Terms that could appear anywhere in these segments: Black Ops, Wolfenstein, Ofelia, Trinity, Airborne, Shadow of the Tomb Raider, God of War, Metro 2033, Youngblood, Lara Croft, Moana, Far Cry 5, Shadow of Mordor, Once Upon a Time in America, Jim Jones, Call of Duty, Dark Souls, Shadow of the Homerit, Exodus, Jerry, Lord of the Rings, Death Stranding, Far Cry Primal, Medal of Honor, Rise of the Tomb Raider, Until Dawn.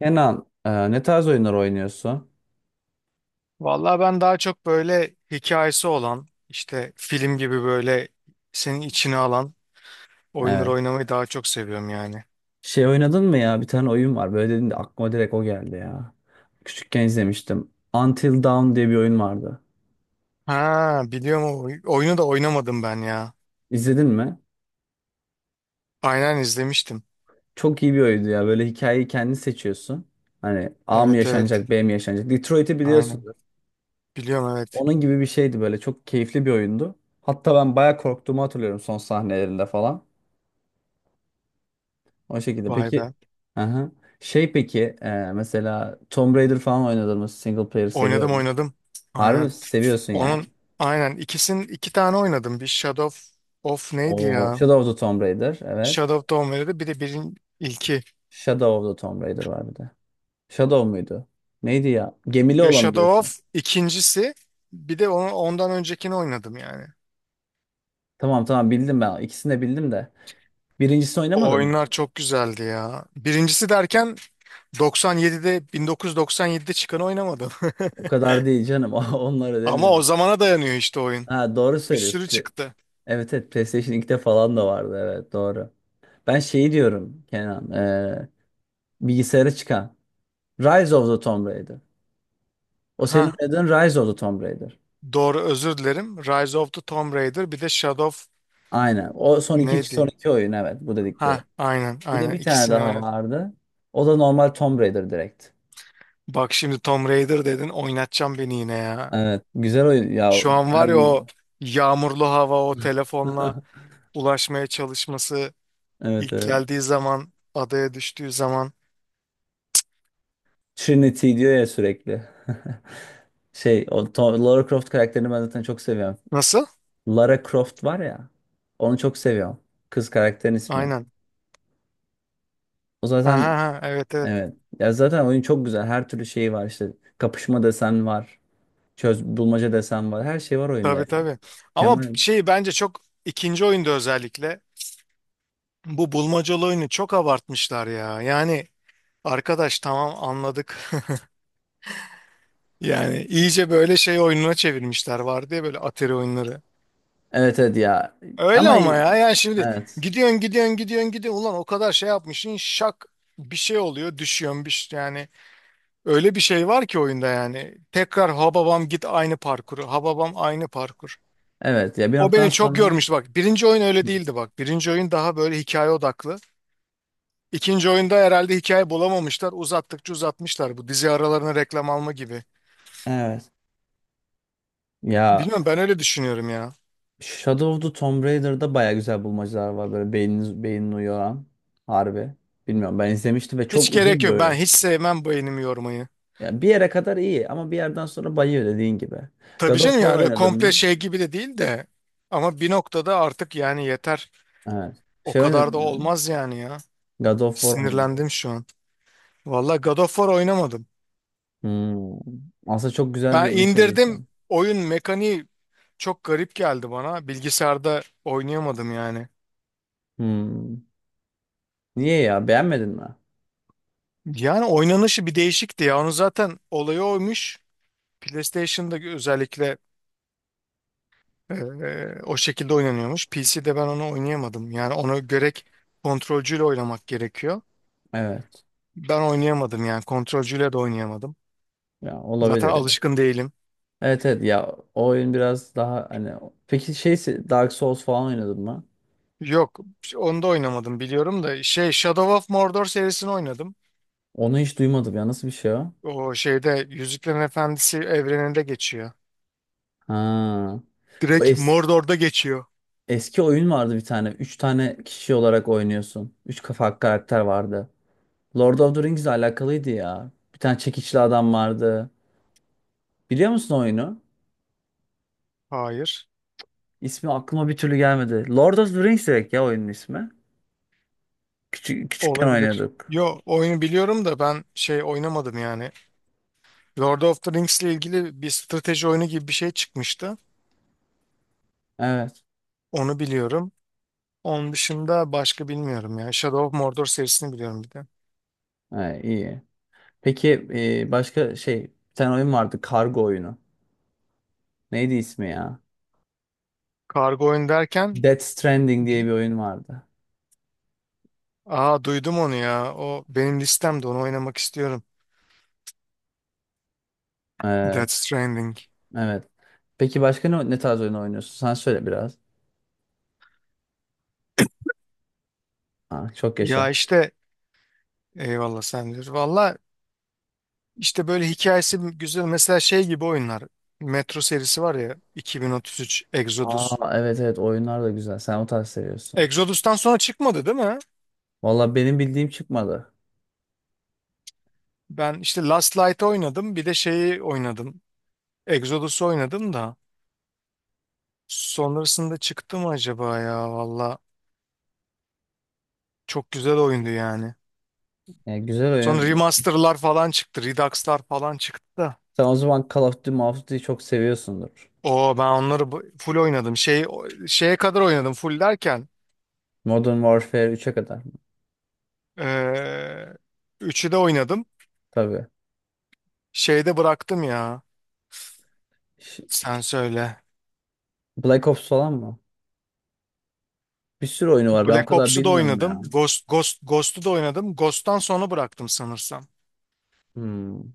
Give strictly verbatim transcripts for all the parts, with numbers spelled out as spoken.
Kenan, e, ne tarz oyunlar oynuyorsun? Vallahi ben daha çok böyle hikayesi olan, işte film gibi böyle senin içine alan oyunları Evet. oynamayı daha çok seviyorum yani. Şey oynadın mı ya? Bir tane oyun var. Böyle dedin de aklıma direkt o geldi ya. Küçükken izlemiştim. Until Dawn diye bir oyun vardı. Ha, biliyorum, o oy- oyunu da oynamadım ben ya. İzledin mi? Aynen, izlemiştim. Çok iyi bir oyundu ya. Böyle hikayeyi kendin seçiyorsun. Hani A mı Evet, evet. yaşanacak, B mi yaşanacak? Detroit'i Aynen. biliyorsunuz. Biliyorum, evet. Onun gibi bir şeydi böyle. Çok keyifli bir oyundu. Hatta ben bayağı korktuğumu hatırlıyorum son sahnelerinde falan. O şekilde. Vay be. Peki, aha. Şey peki, e, mesela Tomb Raider falan oynadın mı? Single player Oynadım, seviyorum. oynadım. Harbi mi? Aynen. Seviyorsun yani. Onun aynen ikisinin, iki tane oynadım. Bir Shadow of of neydi O ya? Shadow of the Tomb Raider. Evet. Shadow of the Homerit'e, bir de birin ilki. Shadow of the Tomb Raider var bir de. Shadow muydu? Neydi ya? Gemili Ya olanı Shadow diyorsun. of ikincisi. Bir de onu, ondan öncekini oynadım yani. Tamam tamam bildim ben. İkisini de bildim de. Birincisini O oynamadın mı? oyunlar çok güzeldi ya. Birincisi derken doksan yedide bin dokuz yüz doksan yedide çıkanı oynamadım. O kadar değil canım. Onları Ama o demiyorum. zamana dayanıyor işte oyun. Ha doğru Bir söylüyorsun. sürü Pla- çıktı. evet evet, PlayStation ikide falan da vardı. Evet doğru. Ben şeyi diyorum Kenan. Ee, bilgisayara çıkan. Rise of the Tomb Raider. O senin Ha, oynadığın Rise of the Tomb Raider. doğru, özür dilerim. Rise of the Tomb Raider, bir de Shadow of Aynen. O son iki, son neydi? iki oyun, evet, bu Ha, dedikleri. aynen, Bir de aynen bir tane ikisini daha oynadım. vardı. O da normal Tomb Raider direkt. Bak şimdi Tomb Raider dedin, oynatacağım beni yine ya. Evet. Güzel oyun. Ya Şu an var ya, ben o yağmurlu hava, o telefonla ulaşmaya çalışması, evet ilk evet. geldiği zaman, adaya düştüğü zaman. Trinity diyor ya sürekli. Şey o Tom- Lara Croft karakterini ben zaten çok seviyorum. Nasıl? Lara Croft var ya. Onu çok seviyorum. Kız karakterin ismi. Aynen. O Ha, zaten ha, ha, evet, evet, evet. Ya zaten oyun çok güzel. Her türlü şeyi var işte. Kapışma desen var. Çöz bulmaca desen var. Her şey var oyunda tabii, ya. tabii. Ama Mükemmel. şey, bence çok ikinci oyunda özellikle bu bulmacalı oyunu çok abartmışlar ya. Yani arkadaş, tamam, anladık. Yani iyice böyle şey oyununa çevirmişler, var diye böyle, Atari oyunları. Evet evet ya. Öyle, Ama ama ya yani şimdi evet. gidiyorsun, gidiyorsun, gidiyorsun, gidiyorsun, ulan o kadar şey yapmışsın, şak bir şey oluyor, düşüyorsun, bir şey- yani öyle bir şey var ki oyunda, yani tekrar hababam git aynı parkuru, hababam aynı parkur. Evet ya, bir O noktadan beni çok sonra yormuştu bak. Birinci oyun öyle hı. değildi bak. Birinci oyun daha böyle hikaye odaklı. İkinci oyunda herhalde hikaye bulamamışlar. Uzattıkça uzatmışlar. Bu, dizi aralarına reklam alma gibi. Evet. Ya Bilmiyorum, ben öyle düşünüyorum ya. Shadow of the Tomb Raider'da baya güzel bulmacalar var, böyle beyniniz beynini uyaran, harbi. Bilmiyorum, ben izlemiştim ve Hiç çok gerek uzun bir yok. Ben oyun. hiç sevmem beynimi yormayı. Ya bir yere kadar iyi ama bir yerden sonra bayıyor dediğin gibi. Tabii God of canım, War ya öyle oynadın komple mı? şey gibi de değil de. Ama bir noktada artık yani yeter. Evet. O Şey kadar oynadın da mı? olmaz yani ya. God of War oynadın. Sinirlendim şu an. Vallahi God of War oynamadım. Hmm. Aslında çok güzel bir Ben oyun serisi. indirdim. Oyun mekaniği çok garip geldi bana. Bilgisayarda oynayamadım yani. Hmm. Niye ya? Beğenmedin mi? Yani oynanışı bir değişikti ya. Onu zaten olayı oymuş. PlayStation'da özellikle e, o şekilde oynanıyormuş. P C'de ben onu oynayamadım. Yani onu gerek kontrolcüyle oynamak gerekiyor. Evet. Ben oynayamadım yani, kontrolcüyle de oynayamadım. Ya Zaten olabilir yani. alışkın değilim. Evet evet ya, o oyun biraz daha hani, peki şey Dark Souls falan oynadın mı? Yok, onu da oynamadım, biliyorum da, şey, Shadow of Mordor serisini oynadım. Onu hiç duymadım ya, nasıl bir şey o? O şeyde Yüzüklerin Efendisi evreninde geçiyor. Ha. Bu Direkt es- Mordor'da geçiyor. eski oyun vardı bir tane. Üç tane kişi olarak oynuyorsun. Üç kafa karakter vardı. Lord of the Rings ile alakalıydı ya. Bir tane çekiçli adam vardı. Biliyor musun oyunu? Hayır. İsmi aklıma bir türlü gelmedi. Lord of the Rings direkt ya oyunun ismi. Küçük, küçükken Olabilir. oynuyorduk. Yo, oyunu biliyorum da, ben şey oynamadım yani. Lord of the Rings ile ilgili bir strateji oyunu gibi bir şey çıkmıştı. Evet. Onu biliyorum. Onun dışında başka bilmiyorum ya. Shadow of Mordor serisini biliyorum bir de. Ha, iyi. Peki e, başka şey, bir tane oyun vardı, kargo oyunu. Neydi ismi ya? Kargo oyun derken? Death Stranding diye bir oyun vardı. Aa, duydum onu ya. O benim listemde, onu oynamak istiyorum. Ee, Death Stranding. evet. Peki başka ne, ne tarz oyun oynuyorsun? Sen söyle biraz. Aa, çok Ya yaşa. işte, eyvallah, sen diyor. Valla işte böyle hikayesi güzel. Mesela şey gibi oyunlar. Metro serisi var ya, iki bin otuz üç Exodus. Aa, evet evet, oyunlar da güzel. Sen o tarz seviyorsun. Exodus'tan sonra çıkmadı değil mi? Valla benim bildiğim çıkmadı. Ben işte Last Light'ı oynadım. Bir de şeyi oynadım. Exodus'u oynadım da. Sonrasında çıktı mı acaba ya? Valla çok güzel oyundu yani. Yani güzel Sonra oyun. remaster'lar falan çıktı. Redux'lar falan çıktı da. Sen o zaman Call of Duty, Call of Duty'yi çok seviyorsundur. O, ben onları bu- full oynadım. Şey, şeye kadar oynadım full derken. Modern Warfare üçe kadar mı? eee Üçü de oynadım. Tabii. Şeyde bıraktım ya. Ş- Sen söyle. Black Ops falan mı? Bir sürü oyunu var. Ben o Black kadar Ops'u da bilmiyorum oynadım. ya. Ghost, Ghost, Ghost'u da oynadım. Ghost'tan sonra bıraktım sanırsam. Hmm.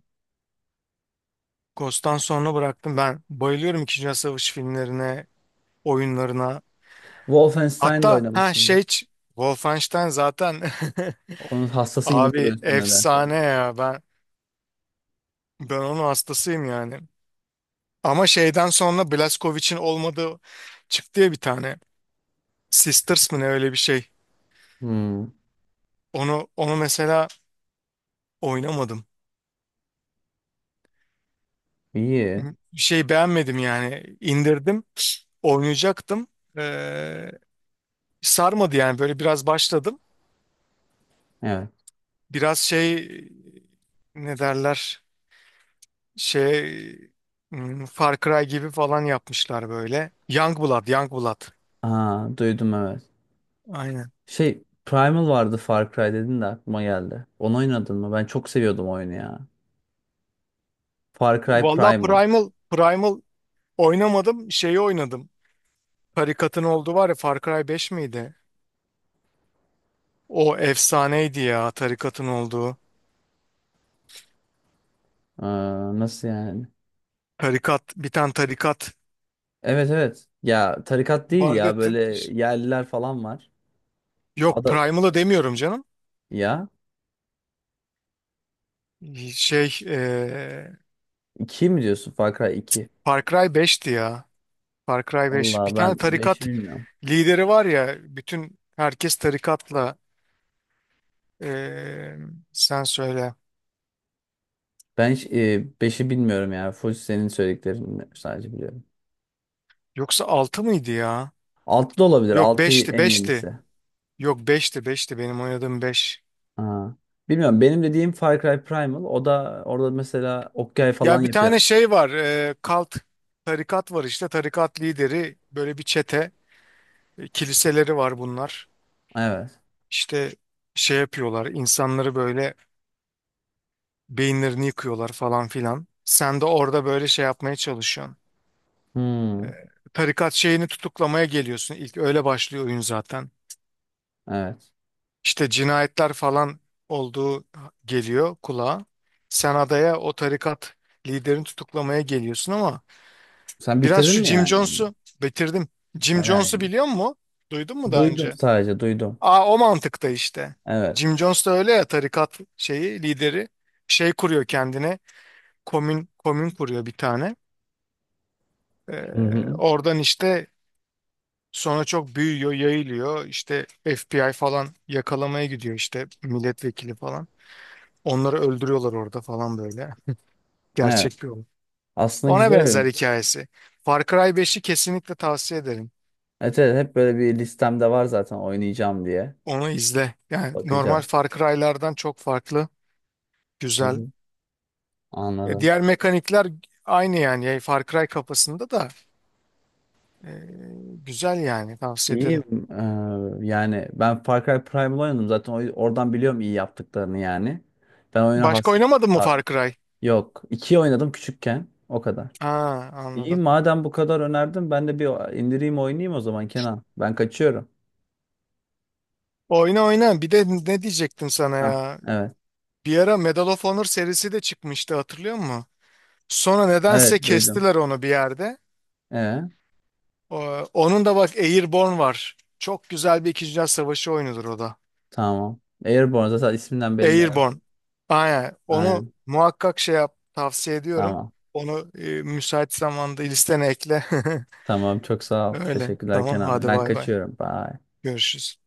Ghost'tan sonra bıraktım. Ben bayılıyorum İkinci Dünya Savaşı filmlerine, oyunlarına. Wolfenstein de Hatta, ha şey, oynamışımdır. ç- Wolfenstein zaten. Onun hastası gibi Abi duruyorsun nedense. efsane ya. Ben ben onun hastasıyım yani. Ama şeyden sonra Blazkowicz'in olmadığı çıktı ya bir tane. Sisters mı ne, öyle bir şey. Hmm. Onu onu mesela oynamadım. İyi. Bir şey beğenmedim yani. İndirdim. Oynayacaktım. Ee, Sarmadı yani, böyle biraz başladım. Evet. Biraz şey, ne derler, şey, hmm, Far Cry gibi falan yapmışlar böyle. Youngblood, Youngblood. Aa, duydum evet. Aynen. Şey Primal vardı, Far Cry dedin de aklıma geldi. Onu oynadın mı? Ben çok seviyordum oyunu ya. Far Cry Valla Primal. Primal, Primal oynamadım. Şeyi oynadım. Tarikatın olduğu var ya, Far Cry beş miydi? O efsaneydi ya, tarikatın olduğu. Aa, nasıl yani? Tarikat, bir tane tarikat Evet evet. Ya tarikat değil vardı. Ya, ya, t- böyle yerliler falan var. yok, Ada Primal'ı demiyorum canım. ya, Şey, e, iki mi diyorsun, Far Cry iki. Far Cry beşti ya. Far Cry beş. Bir Valla tane ben beşi tarikat bilmiyorum. lideri var ya, bütün herkes tarikatla. eee, Sen söyle. Ben hiç, e, beşi bilmiyorum yani. Full senin söylediklerini sadece biliyorum. Yoksa altı mıydı ya? Altı da olabilir. Yok, Altı beşti, en beşti. yenisi. Yok, beşti, beşti. Benim oynadığım beş. Ha. Bilmiyorum, benim dediğim Far Cry Primal, o da orada mesela Okyay Ya falan bir, evet, yapıyor. tane şey var, eee kalt tarikat var, işte tarikat lideri böyle bir çete, e, kiliseleri var bunlar. Evet. İşte şey yapıyorlar insanları, böyle beyinlerini yıkıyorlar falan filan. Sen de orada böyle şey yapmaya çalışıyorsun. Hmm, Tarikat şeyini tutuklamaya geliyorsun. İlk öyle başlıyor oyun zaten. evet. İşte cinayetler falan olduğu geliyor kulağa. Sen adaya o tarikat liderini tutuklamaya geliyorsun, ama Sen biraz bitirdin şu mi Jim yani onu? Jones'u bitirdim. Jim Bayağı Jones'u iyi. biliyor musun? Duydun mu daha Duydum, önce? sadece duydum. Aa, o mantıkta işte. Evet. Jim Jones da öyle ya, tarikat şeyi lideri, şey kuruyor kendine. Komün komün kuruyor bir tane. Hı Ee, hı. Oradan işte sonra çok büyüyor, yayılıyor. İşte F B I falan yakalamaya gidiyor, işte milletvekili falan. Onları öldürüyorlar orada falan, böyle. Evet. Gerçek bir olay. Aslında Ona güzel benzer oyun. hikayesi. Far Cry beşi kesinlikle tavsiye ederim. Evet, evet, hep böyle bir listemde var zaten, oynayacağım diye. Onu izle. Yani normal Bakacağım. Far Cry'lardan çok farklı, Hı güzel. hı. Ya Anladım. diğer mekanikler aynı yani. Yani Far Cry kafasında da e, güzel yani, tavsiye ederim. İyiyim. Ee, yani ben Far Cry Primal oynadım zaten, o- oradan biliyorum iyi yaptıklarını yani. Ben oyuna Başka has... oynamadın mı Far Cry? Yok. İkiyi oynadım küçükken. O kadar. Aa, İyi anladım. madem bu kadar önerdin, ben de bir indireyim oynayayım o zaman Kenan. Ben kaçıyorum. Oyna, oyna. Bir de ne diyecektim sana Ha, ya? evet. Bir ara Medal of Honor serisi de çıkmıştı, hatırlıyor musun? Sonra nedense Evet duydum. kestiler onu bir yerde. Ee, O- Onun da bak, Airborne var. Çok güzel bir İkinci Dünya Savaşı oyunudur o da. tamam. Airborne zaten isminden belli, evet. Airborne. Aynen. Onu Aynen. muhakkak şey yap. Tavsiye ediyorum. Tamam. Onu, e, müsait zamanda listene ekle. Tamam çok sağ ol. Öyle. Teşekkürler Tamam, Kenan. hadi, Ben bay bay. kaçıyorum. Bye. Görüşürüz.